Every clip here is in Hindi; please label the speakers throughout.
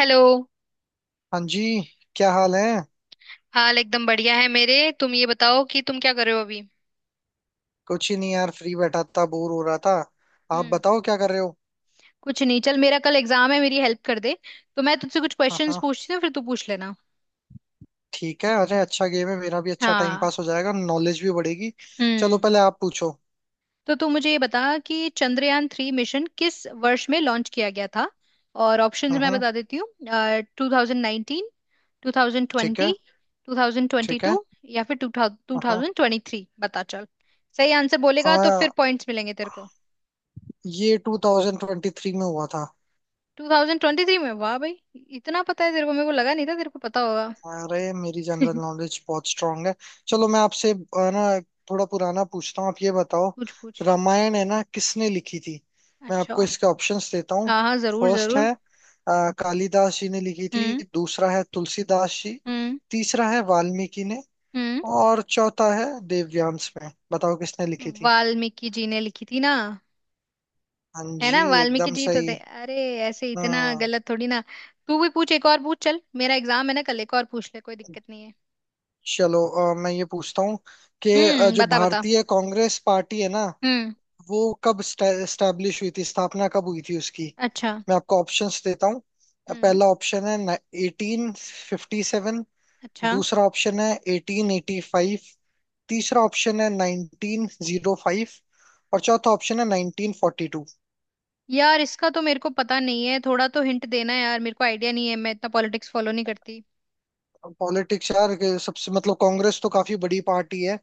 Speaker 1: हेलो।
Speaker 2: हाँ जी। क्या हाल है?
Speaker 1: हाल एकदम बढ़िया है मेरे। तुम ये बताओ कि तुम क्या कर रहे हो अभी।
Speaker 2: कुछ ही नहीं यार, फ्री बैठा था, बोर हो रहा था। आप
Speaker 1: हम्म।
Speaker 2: बताओ क्या कर रहे हो?
Speaker 1: कुछ नहीं, चल मेरा कल एग्जाम है, मेरी हेल्प कर दे। तो मैं तुझसे कुछ
Speaker 2: हाँ
Speaker 1: क्वेश्चंस
Speaker 2: हाँ,
Speaker 1: पूछती हूँ, फिर तू पूछ लेना।
Speaker 2: ठीक है। अरे अच्छा गेम है, मेरा भी अच्छा टाइम
Speaker 1: हाँ।
Speaker 2: पास हो जाएगा, नॉलेज भी बढ़ेगी। चलो,
Speaker 1: हम्म।
Speaker 2: पहले आप पूछो।
Speaker 1: तो तू मुझे ये बता कि चंद्रयान 3 मिशन किस वर्ष में लॉन्च किया गया था। और ऑप्शंस मैं
Speaker 2: हम्म।
Speaker 1: बता देती हूँ। 2019, टू थाउजेंड
Speaker 2: ठीक
Speaker 1: ट्वेंटी
Speaker 2: है।
Speaker 1: टू थाउजेंड ट्वेंटी
Speaker 2: ठीक है।
Speaker 1: टू, या फिर टू
Speaker 2: हाँ हाँ।
Speaker 1: थाउजेंड ट्वेंटी थ्री बता चल। सही आंसर बोलेगा तो
Speaker 2: हाँ,
Speaker 1: फिर पॉइंट्स मिलेंगे तेरे को।
Speaker 2: ये 2023 में हुआ था।
Speaker 1: 2023 में, वाह भाई। इतना पता है तेरे को, मेरे को लगा नहीं था तेरे को पता होगा।
Speaker 2: अरे मेरी जनरल नॉलेज बहुत स्ट्रांग है। चलो, मैं आपसे ना, थोड़ा पुराना पूछता हूँ। आप ये बताओ,
Speaker 1: पूछ पूछ।
Speaker 2: रामायण है ना, किसने लिखी थी? मैं
Speaker 1: अच्छा।
Speaker 2: आपको इसके ऑप्शंस देता हूँ।
Speaker 1: हाँ हाँ, जरूर
Speaker 2: फर्स्ट
Speaker 1: जरूर।
Speaker 2: है कालिदास जी ने लिखी थी,
Speaker 1: हम्म।
Speaker 2: दूसरा है तुलसीदास जी,
Speaker 1: हम्म।
Speaker 2: तीसरा है वाल्मीकि ने,
Speaker 1: हम्म।
Speaker 2: और चौथा है देवव्यांस। में बताओ किसने लिखी थी?
Speaker 1: वाल्मीकि जी ने लिखी थी ना।
Speaker 2: हाँ
Speaker 1: है
Speaker 2: जी,
Speaker 1: ना, वाल्मीकि
Speaker 2: एकदम
Speaker 1: जी तो
Speaker 2: सही।
Speaker 1: थे। अरे ऐसे इतना
Speaker 2: हम्म।
Speaker 1: गलत थोड़ी ना। तू भी पूछ, एक और पूछ। चल मेरा एग्जाम है ना कल, एक और पूछ ले, कोई दिक्कत नहीं है।
Speaker 2: चलो मैं ये पूछता हूँ कि
Speaker 1: हम्म,
Speaker 2: जो
Speaker 1: बता बता।
Speaker 2: भारतीय कांग्रेस पार्टी है ना,
Speaker 1: हम्म।
Speaker 2: वो कब स्टैब्लिश हुई थी, स्थापना कब हुई थी उसकी?
Speaker 1: अच्छा।
Speaker 2: मैं आपको ऑप्शंस देता हूँ।
Speaker 1: हम्म।
Speaker 2: पहला ऑप्शन है 1857।
Speaker 1: अच्छा।
Speaker 2: दूसरा ऑप्शन है 1885। तीसरा ऑप्शन है 1905। और चौथा ऑप्शन है 1942।
Speaker 1: यार इसका तो मेरे को पता नहीं है। थोड़ा तो हिंट देना यार, मेरे को आइडिया नहीं है, मैं इतना पॉलिटिक्स फॉलो नहीं करती।
Speaker 2: पॉलिटिक्स यार के सबसे, मतलब कांग्रेस तो काफी बड़ी पार्टी है।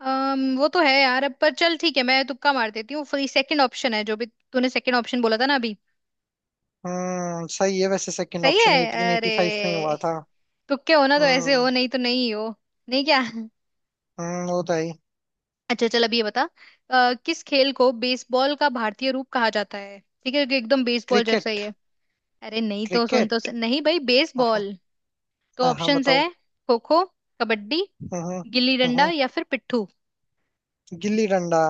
Speaker 1: वो तो है यार, अब पर चल ठीक है, मैं तुक्का मार देती हूँ, फ्री सेकंड ऑप्शन है जो भी। तूने सेकंड ऑप्शन बोला था ना अभी।
Speaker 2: हम्म, सही है। वैसे सेकंड
Speaker 1: सही है।
Speaker 2: ऑप्शन एटीन
Speaker 1: अरे
Speaker 2: एटी फाइव में ही हुआ था।
Speaker 1: तुक्के हो ना तो ऐसे
Speaker 2: हम्म।
Speaker 1: हो, नहीं तो नहीं हो। नहीं क्या।
Speaker 2: हम्म, वो तो है।
Speaker 1: अच्छा चल, अब ये बता। किस खेल को बेसबॉल का भारतीय रूप कहा जाता है। ठीक है कि एकदम बेसबॉल जैसा ही
Speaker 2: क्रिकेट।
Speaker 1: है। अरे नहीं, तो सुन,
Speaker 2: क्रिकेट।
Speaker 1: नहीं भाई
Speaker 2: हाँ।
Speaker 1: बेसबॉल। तो
Speaker 2: हाँ हाँ,
Speaker 1: ऑप्शंस
Speaker 2: बताओ।
Speaker 1: है: खो खो, कबड्डी,
Speaker 2: हम्म। हम्म।
Speaker 1: गिल्ली डंडा
Speaker 2: हम्म।
Speaker 1: या फिर पिट्ठू।
Speaker 2: गिल्ली डंडा।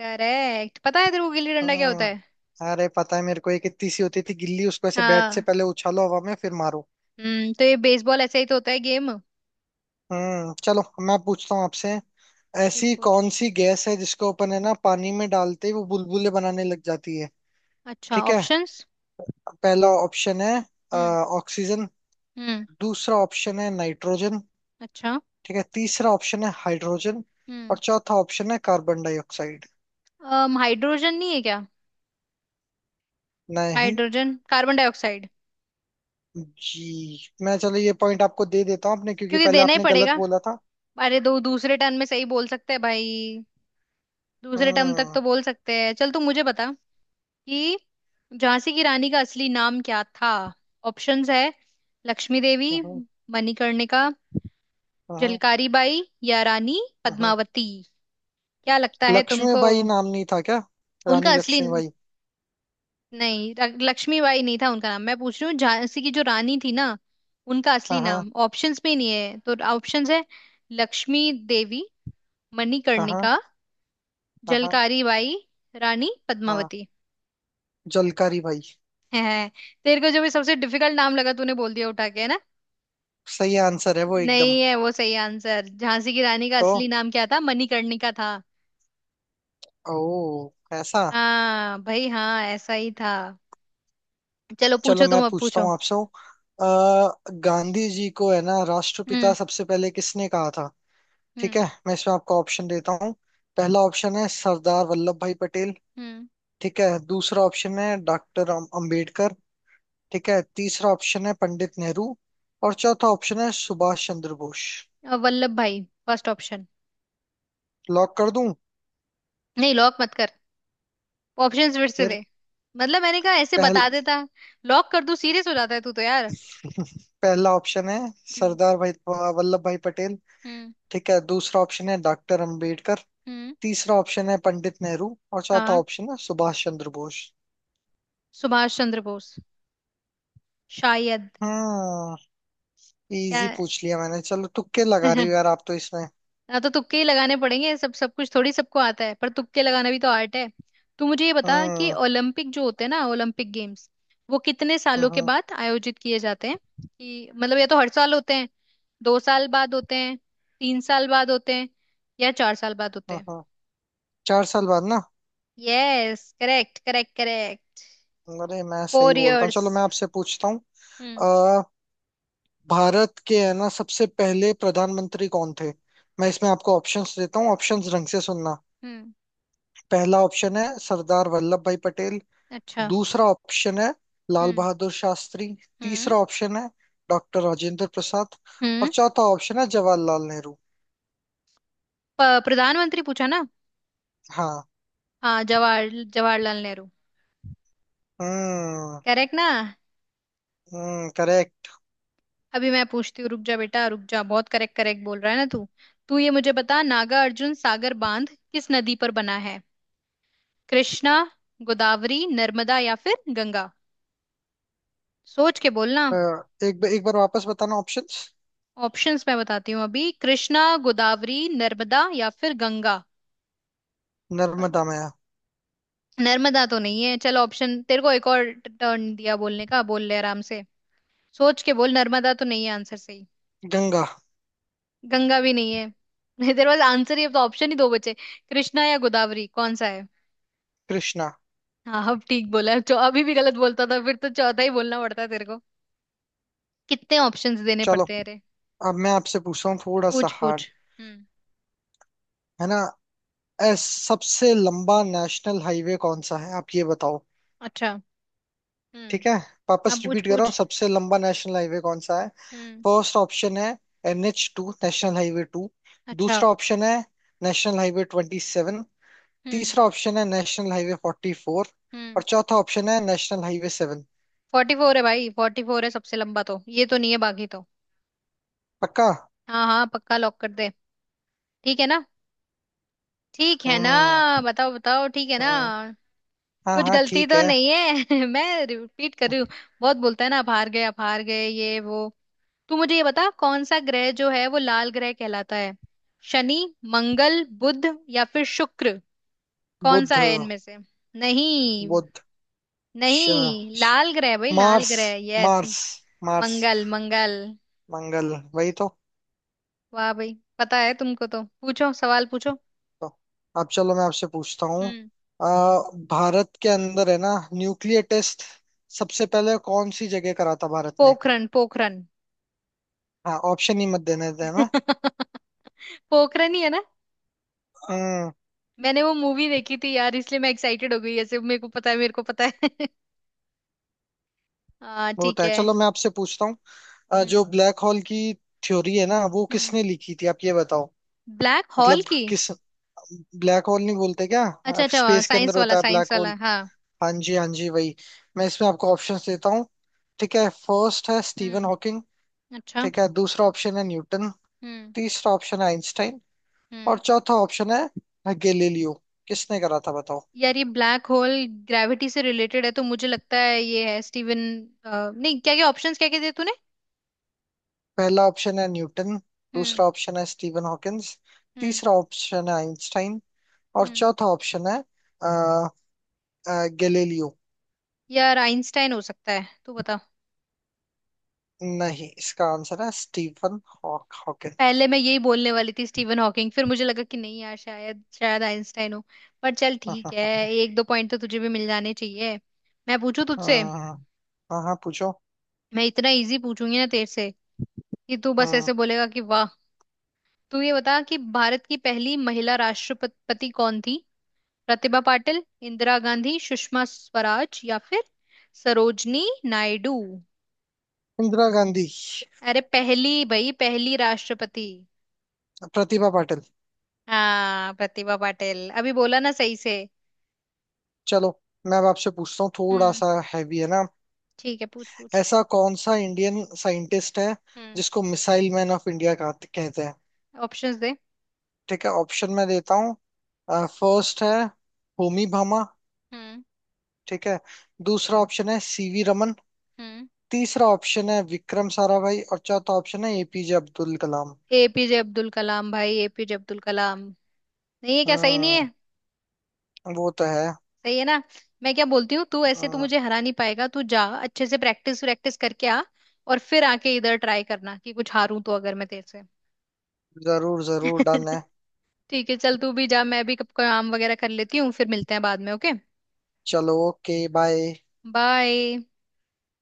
Speaker 1: करेक्ट। पता है तेरे को गिल्ली डंडा क्या होता
Speaker 2: हाँ।
Speaker 1: है?
Speaker 2: अरे, पता है मेरे को, एक इतनी सी होती थी गिल्ली, उसको ऐसे बैट से
Speaker 1: हाँ।
Speaker 2: पहले उछालो हवा में, फिर मारो।
Speaker 1: हम्म, तो ये बेसबॉल ऐसा ही तो होता है गेम।
Speaker 2: हम्म। चलो मैं पूछता हूँ आपसे,
Speaker 1: पूछ
Speaker 2: ऐसी
Speaker 1: पूछ।
Speaker 2: कौन सी गैस है जिसको अपन है ना, पानी में डालते ही वो बुलबुले बनाने लग जाती है?
Speaker 1: अच्छा,
Speaker 2: ठीक है,
Speaker 1: ऑप्शंस।
Speaker 2: पहला ऑप्शन है
Speaker 1: हम्म।
Speaker 2: ऑक्सीजन।
Speaker 1: हम्म।
Speaker 2: दूसरा ऑप्शन है नाइट्रोजन।
Speaker 1: अच्छा।
Speaker 2: ठीक है, तीसरा ऑप्शन है हाइड्रोजन।
Speaker 1: हम्म।
Speaker 2: और चौथा ऑप्शन है कार्बन डाइऑक्साइड।
Speaker 1: अम हाइड्रोजन नहीं है क्या?
Speaker 2: नहीं।
Speaker 1: Hydrogen, carbon dioxide.
Speaker 2: जी, मैं, चलो ये पॉइंट आपको दे देता हूँ आपने, क्योंकि
Speaker 1: क्योंकि
Speaker 2: पहले
Speaker 1: देना ही
Speaker 2: आपने गलत
Speaker 1: पड़ेगा।
Speaker 2: बोला था।
Speaker 1: अरे दो, दूसरे टर्म में सही बोल सकते हैं भाई। दूसरे टर्म तक
Speaker 2: हम्म।
Speaker 1: तो बोल सकते हैं। चल तू मुझे बता कि झांसी की रानी का असली नाम क्या था। ऑप्शंस है: लक्ष्मी देवी,
Speaker 2: हाँ।
Speaker 1: मणिकर्णिका,
Speaker 2: हाँ।
Speaker 1: झलकारी बाई, या रानी
Speaker 2: हाँ।
Speaker 1: पद्मावती। क्या लगता है तुमको?
Speaker 2: लक्ष्मीबाई नाम नहीं था क्या?
Speaker 1: उनका
Speaker 2: रानी
Speaker 1: असली।
Speaker 2: लक्ष्मीबाई।
Speaker 1: नहीं, लक्ष्मीबाई नहीं था उनका नाम। मैं पूछ रही हूँ झांसी की जो रानी थी ना, उनका असली
Speaker 2: हाँ। हाँ।
Speaker 1: नाम, ऑप्शंस में नहीं है तो। ऑप्शंस है: लक्ष्मी देवी,
Speaker 2: हाँ
Speaker 1: मणिकर्णिका,
Speaker 2: हाँ। हाँ
Speaker 1: जलकारी बाई, रानी
Speaker 2: हाँ।
Speaker 1: पद्मावती।
Speaker 2: जलकारी भाई।
Speaker 1: है, तेरे को जो भी सबसे डिफिकल्ट नाम लगा तूने बोल दिया उठा के, है ना।
Speaker 2: सही आंसर है वो एकदम।
Speaker 1: नहीं है वो सही आंसर। झांसी की रानी का
Speaker 2: तो?
Speaker 1: असली नाम क्या था, मणिकर्णिका था।
Speaker 2: ओ, ऐसा?
Speaker 1: हाँ भाई हाँ, ऐसा ही था। चलो
Speaker 2: चलो,
Speaker 1: पूछो
Speaker 2: मैं
Speaker 1: तुम, अब
Speaker 2: पूछता
Speaker 1: पूछो।
Speaker 2: हूँ आपसे गांधी जी को है ना, राष्ट्रपिता
Speaker 1: हम्म।
Speaker 2: सबसे पहले किसने कहा था? ठीक
Speaker 1: हम्म।
Speaker 2: है, मैं इसमें आपको ऑप्शन देता हूँ। पहला ऑप्शन है सरदार वल्लभ भाई पटेल।
Speaker 1: हम्म।
Speaker 2: ठीक है, दूसरा ऑप्शन है डॉक्टर अम्बेडकर। ठीक है, तीसरा ऑप्शन है पंडित नेहरू। और चौथा ऑप्शन है सुभाष चंद्र बोस।
Speaker 1: वल्लभ भाई, फर्स्ट ऑप्शन।
Speaker 2: लॉक कर दूं?
Speaker 1: नहीं, लॉक मत कर। ऑप्शंस फिर से
Speaker 2: फिर।
Speaker 1: दे। मतलब मैंने कहा ऐसे
Speaker 2: पहल
Speaker 1: बता देता, लॉक कर दूं, सीरियस हो जाता है तू तो यार।
Speaker 2: पहला ऑप्शन है
Speaker 1: हम्म।
Speaker 2: सरदार भाई वल्लभ भाई पटेल।
Speaker 1: हम्म।
Speaker 2: ठीक है, दूसरा ऑप्शन है डॉक्टर अंबेडकर।
Speaker 1: हम्म।
Speaker 2: तीसरा ऑप्शन है पंडित नेहरू, और चौथा
Speaker 1: हाँ,
Speaker 2: ऑप्शन है सुभाष चंद्र बोस।
Speaker 1: सुभाष चंद्र बोस, शायद।
Speaker 2: हम्म।
Speaker 1: क्या।
Speaker 2: इजी पूछ लिया मैंने, चलो तुक्के लगा रही हो यार आप तो इसमें।
Speaker 1: ना तो तुक्के ही लगाने पड़ेंगे, सब सब कुछ थोड़ी सबको आता है, पर तुक्के लगाना भी तो आर्ट है। तू मुझे ये बता कि
Speaker 2: हम्म।
Speaker 1: ओलंपिक जो होते हैं ना, ओलंपिक गेम्स, वो कितने सालों के
Speaker 2: हम्म।
Speaker 1: बाद आयोजित किए जाते हैं। कि मतलब, या तो हर साल होते हैं, दो साल बाद होते हैं, तीन साल बाद होते हैं, या चार साल बाद होते
Speaker 2: हम्म।
Speaker 1: हैं।
Speaker 2: हम्म। 4 साल बाद ना?
Speaker 1: Yes, correct correct correct.
Speaker 2: अरे मैं सही
Speaker 1: फोर
Speaker 2: बोलता हूँ।
Speaker 1: इयर्स
Speaker 2: चलो, मैं आपसे पूछता
Speaker 1: हम्म।
Speaker 2: हूँ, भारत के है ना सबसे पहले प्रधानमंत्री कौन थे? मैं इसमें आपको ऑप्शंस देता हूँ, ऑप्शंस ढंग से सुनना।
Speaker 1: हम्म।
Speaker 2: पहला ऑप्शन है सरदार वल्लभ भाई पटेल।
Speaker 1: अच्छा।
Speaker 2: दूसरा ऑप्शन है लाल
Speaker 1: हम्म।
Speaker 2: बहादुर शास्त्री।
Speaker 1: हम्म।
Speaker 2: तीसरा ऑप्शन है डॉक्टर राजेंद्र प्रसाद। और
Speaker 1: हम्म।
Speaker 2: चौथा ऑप्शन है जवाहरलाल नेहरू।
Speaker 1: प्रधानमंत्री पूछा ना?
Speaker 2: हाँ।
Speaker 1: हाँ, जवाहरलाल नेहरू।
Speaker 2: हम्म।
Speaker 1: करेक्ट ना?
Speaker 2: हम्म, करेक्ट।
Speaker 1: अभी मैं पूछती हूँ, रुक जा बेटा रुक जा, बहुत करेक्ट करेक्ट बोल रहा है ना तू। तू ये मुझे बता, नागा अर्जुन सागर बांध किस नदी पर बना है? कृष्णा, गोदावरी, नर्मदा या फिर गंगा? सोच के बोलना।
Speaker 2: एक एक बार वापस बताना ऑप्शंस।
Speaker 1: ऑप्शंस मैं बताती हूँ अभी: कृष्णा, गोदावरी, नर्मदा या फिर गंगा।
Speaker 2: नर्मदा में।
Speaker 1: नर्मदा तो नहीं है। चल ऑप्शन तेरे को एक और टर्न दिया बोलने का, बोल ले आराम से, सोच के बोल। नर्मदा तो नहीं है आंसर सही।
Speaker 2: गंगा।
Speaker 1: गंगा भी नहीं है। नहीं तेरे पास आंसर ही। अब तो ऑप्शन ही दो बचे, कृष्णा या गोदावरी, कौन सा है?
Speaker 2: कृष्णा।
Speaker 1: हाँ, अब ठीक बोला। जो अभी भी गलत बोलता था, फिर तो चौथा ही बोलना पड़ता है तेरे को। कितने ऑप्शंस देने
Speaker 2: चलो,
Speaker 1: पड़ते हैं रे।
Speaker 2: अब मैं आपसे पूछ रहा हूँ थोड़ा सा
Speaker 1: पूछ
Speaker 2: हार्ड,
Speaker 1: पूछ। हम्म।
Speaker 2: है ना? एस, सबसे लंबा नेशनल हाईवे कौन सा है आप ये बताओ।
Speaker 1: अच्छा। हम्म।
Speaker 2: ठीक है, वापस
Speaker 1: अब पूछ
Speaker 2: रिपीट कर रहा हूँ,
Speaker 1: पूछ।
Speaker 2: सबसे लंबा नेशनल हाईवे कौन सा है?
Speaker 1: हम्म।
Speaker 2: फर्स्ट ऑप्शन है NH2, नेशनल हाईवे 2।
Speaker 1: अच्छा।
Speaker 2: दूसरा ऑप्शन है नेशनल हाईवे 27।
Speaker 1: हम्म।
Speaker 2: तीसरा ऑप्शन है नेशनल हाईवे 44।
Speaker 1: हम्म।
Speaker 2: और चौथा ऑप्शन है नेशनल हाईवे 7।
Speaker 1: 44 है भाई, 44 है सबसे लंबा तो, ये तो नहीं है बाकी तो।
Speaker 2: पक्का?
Speaker 1: हाँ हाँ, पक्का, लॉक कर दे। ठीक है ना? ठीक है ना?
Speaker 2: हम्म।
Speaker 1: बताओ बताओ, ठीक है ना?
Speaker 2: हम्म। हाँ
Speaker 1: कुछ
Speaker 2: हाँ,
Speaker 1: गलती
Speaker 2: ठीक
Speaker 1: तो
Speaker 2: है।
Speaker 1: नहीं है। मैं रिपीट कर रही हूँ। बहुत बोलता है ना आप, हार गए आप हार गए ये वो। तू मुझे ये बता, कौन सा ग्रह जो है वो लाल ग्रह कहलाता है? शनि, मंगल, बुध या फिर शुक्र? कौन सा
Speaker 2: बुध।
Speaker 1: है इनमें से? नहीं।
Speaker 2: बुध। श,
Speaker 1: नहीं,
Speaker 2: श,
Speaker 1: लाल ग्रह भाई, लाल
Speaker 2: मार्स।
Speaker 1: ग्रह। यस।
Speaker 2: मार्स। मार्स।
Speaker 1: मंगल मंगल।
Speaker 2: मंगल वही तो।
Speaker 1: वाह भाई, पता है तुमको, तो पूछो सवाल, पूछो।
Speaker 2: तो अब चलो मैं आपसे पूछता हूँ
Speaker 1: हम्म।
Speaker 2: भारत के अंदर है ना न्यूक्लियर टेस्ट सबसे पहले कौन सी जगह करा था भारत ने?
Speaker 1: पोखरन पोखरन।
Speaker 2: हाँ, ऑप्शन ही मत देने देना।
Speaker 1: पोखरन ही है।
Speaker 2: हम्म,
Speaker 1: मैंने वो मूवी देखी थी यार, इसलिए मैं एक्साइटेड हो गई ऐसे, मेरे को पता है, मेरे को पता है। हाँ
Speaker 2: वो तो
Speaker 1: ठीक
Speaker 2: है।
Speaker 1: है।
Speaker 2: चलो मैं आपसे पूछता हूँ
Speaker 1: हम्म।
Speaker 2: जो ब्लैक होल की थ्योरी है ना, वो
Speaker 1: हम्म।
Speaker 2: किसने लिखी थी आप ये बताओ।
Speaker 1: ब्लैक हॉल
Speaker 2: मतलब
Speaker 1: की?
Speaker 2: किस, ब्लैक होल नहीं बोलते क्या?
Speaker 1: अच्छा अच्छा,
Speaker 2: स्पेस के अंदर
Speaker 1: साइंस
Speaker 2: होता
Speaker 1: वाला
Speaker 2: है ब्लैक
Speaker 1: साइंस
Speaker 2: होल।
Speaker 1: वाला, हाँ।
Speaker 2: हाँ जी, हाँ जी, वही। मैं इसमें आपको ऑप्शन देता हूँ। ठीक है, फर्स्ट है स्टीवन
Speaker 1: हम्म।
Speaker 2: हॉकिंग।
Speaker 1: अच्छा।
Speaker 2: ठीक है, दूसरा ऑप्शन है न्यूटन।
Speaker 1: हम्म।
Speaker 2: तीसरा ऑप्शन है आइंस्टाइन। और
Speaker 1: हम्म।
Speaker 2: चौथा ऑप्शन है गैलीलियो। किसने करा था बताओ?
Speaker 1: यार ये ब्लैक होल ग्रेविटी से रिलेटेड है, तो मुझे लगता है ये है स्टीवन। नहीं, क्या क्या ऑप्शंस क्या क्या दिए तूने?
Speaker 2: पहला ऑप्शन है न्यूटन।
Speaker 1: हम्म।
Speaker 2: दूसरा ऑप्शन है स्टीफन हॉकिंस।
Speaker 1: हम्म।
Speaker 2: तीसरा ऑप्शन है आइंस्टाइन। और
Speaker 1: हम्म।
Speaker 2: चौथा ऑप्शन है अ, गैलीलियो।
Speaker 1: यार आइंस्टाइन हो सकता है, तू बता।
Speaker 2: नहीं, इसका आंसर है स्टीफन हॉकिंस।
Speaker 1: पहले मैं यही बोलने वाली थी, स्टीवन हॉकिंग, फिर मुझे लगा कि नहीं यार, शायद शायद आइंस्टाइन हो। पर चल
Speaker 2: हाँ।
Speaker 1: ठीक
Speaker 2: हाँ।
Speaker 1: है।
Speaker 2: हाँ।
Speaker 1: एक दो पॉइंट तो तुझे भी मिल जाने चाहिए। मैं पूछू तुझसे।
Speaker 2: हाँ हाँ, हाँ, पूछो।
Speaker 1: मैं इतना इजी पूछूंगी ना तेरे से कि तू बस
Speaker 2: हाँ।
Speaker 1: ऐसे बोलेगा कि वाह। तू ये बता कि भारत की पहली महिला राष्ट्रपति कौन थी? प्रतिभा पाटिल, इंदिरा गांधी, सुषमा स्वराज या फिर सरोजनी नायडू?
Speaker 2: इंदिरा गांधी।
Speaker 1: अरे पहली भाई, पहली राष्ट्रपति।
Speaker 2: प्रतिभा पाटिल।
Speaker 1: हाँ, प्रतिभा पाटिल, अभी बोला ना सही से।
Speaker 2: चलो, मैं अब आपसे पूछता हूँ थोड़ा
Speaker 1: हम्म।
Speaker 2: सा हैवी, है ना?
Speaker 1: ठीक है, पूछ पूछ।
Speaker 2: ऐसा कौन सा इंडियन साइंटिस्ट है
Speaker 1: हम्म।
Speaker 2: जिसको मिसाइल मैन ऑफ इंडिया कहते हैं?
Speaker 1: ऑप्शंस दे।
Speaker 2: ठीक है, ऑप्शन मैं देता हूँ। फर्स्ट है होमी भामा।
Speaker 1: हम्म।
Speaker 2: ठीक है, दूसरा ऑप्शन है सीवी रमन।
Speaker 1: हम्म।
Speaker 2: तीसरा ऑप्शन है विक्रम साराभाई। और चौथा ऑप्शन है एपीजे अब्दुल कलाम।
Speaker 1: APJ अब्दुल कलाम भाई, APJ अब्दुल कलाम। नहीं है क्या? सही नहीं
Speaker 2: हम्म,
Speaker 1: है?
Speaker 2: वो तो है।
Speaker 1: सही है ना। मैं क्या बोलती हूँ, तू ऐसे तो
Speaker 2: हम्म,
Speaker 1: मुझे हरा नहीं पाएगा। तू जा, अच्छे से प्रैक्टिस प्रैक्टिस करके आ, और फिर आके इधर ट्राई करना, कि कुछ हारूं तो अगर मैं तेरे से।
Speaker 2: जरूर जरूर, डन है।
Speaker 1: ठीक है चल, तू भी जा, मैं भी कब काम वगैरह कर लेती हूँ, फिर मिलते हैं बाद में, ओके।
Speaker 2: चलो, ओके, बाय।
Speaker 1: बाय।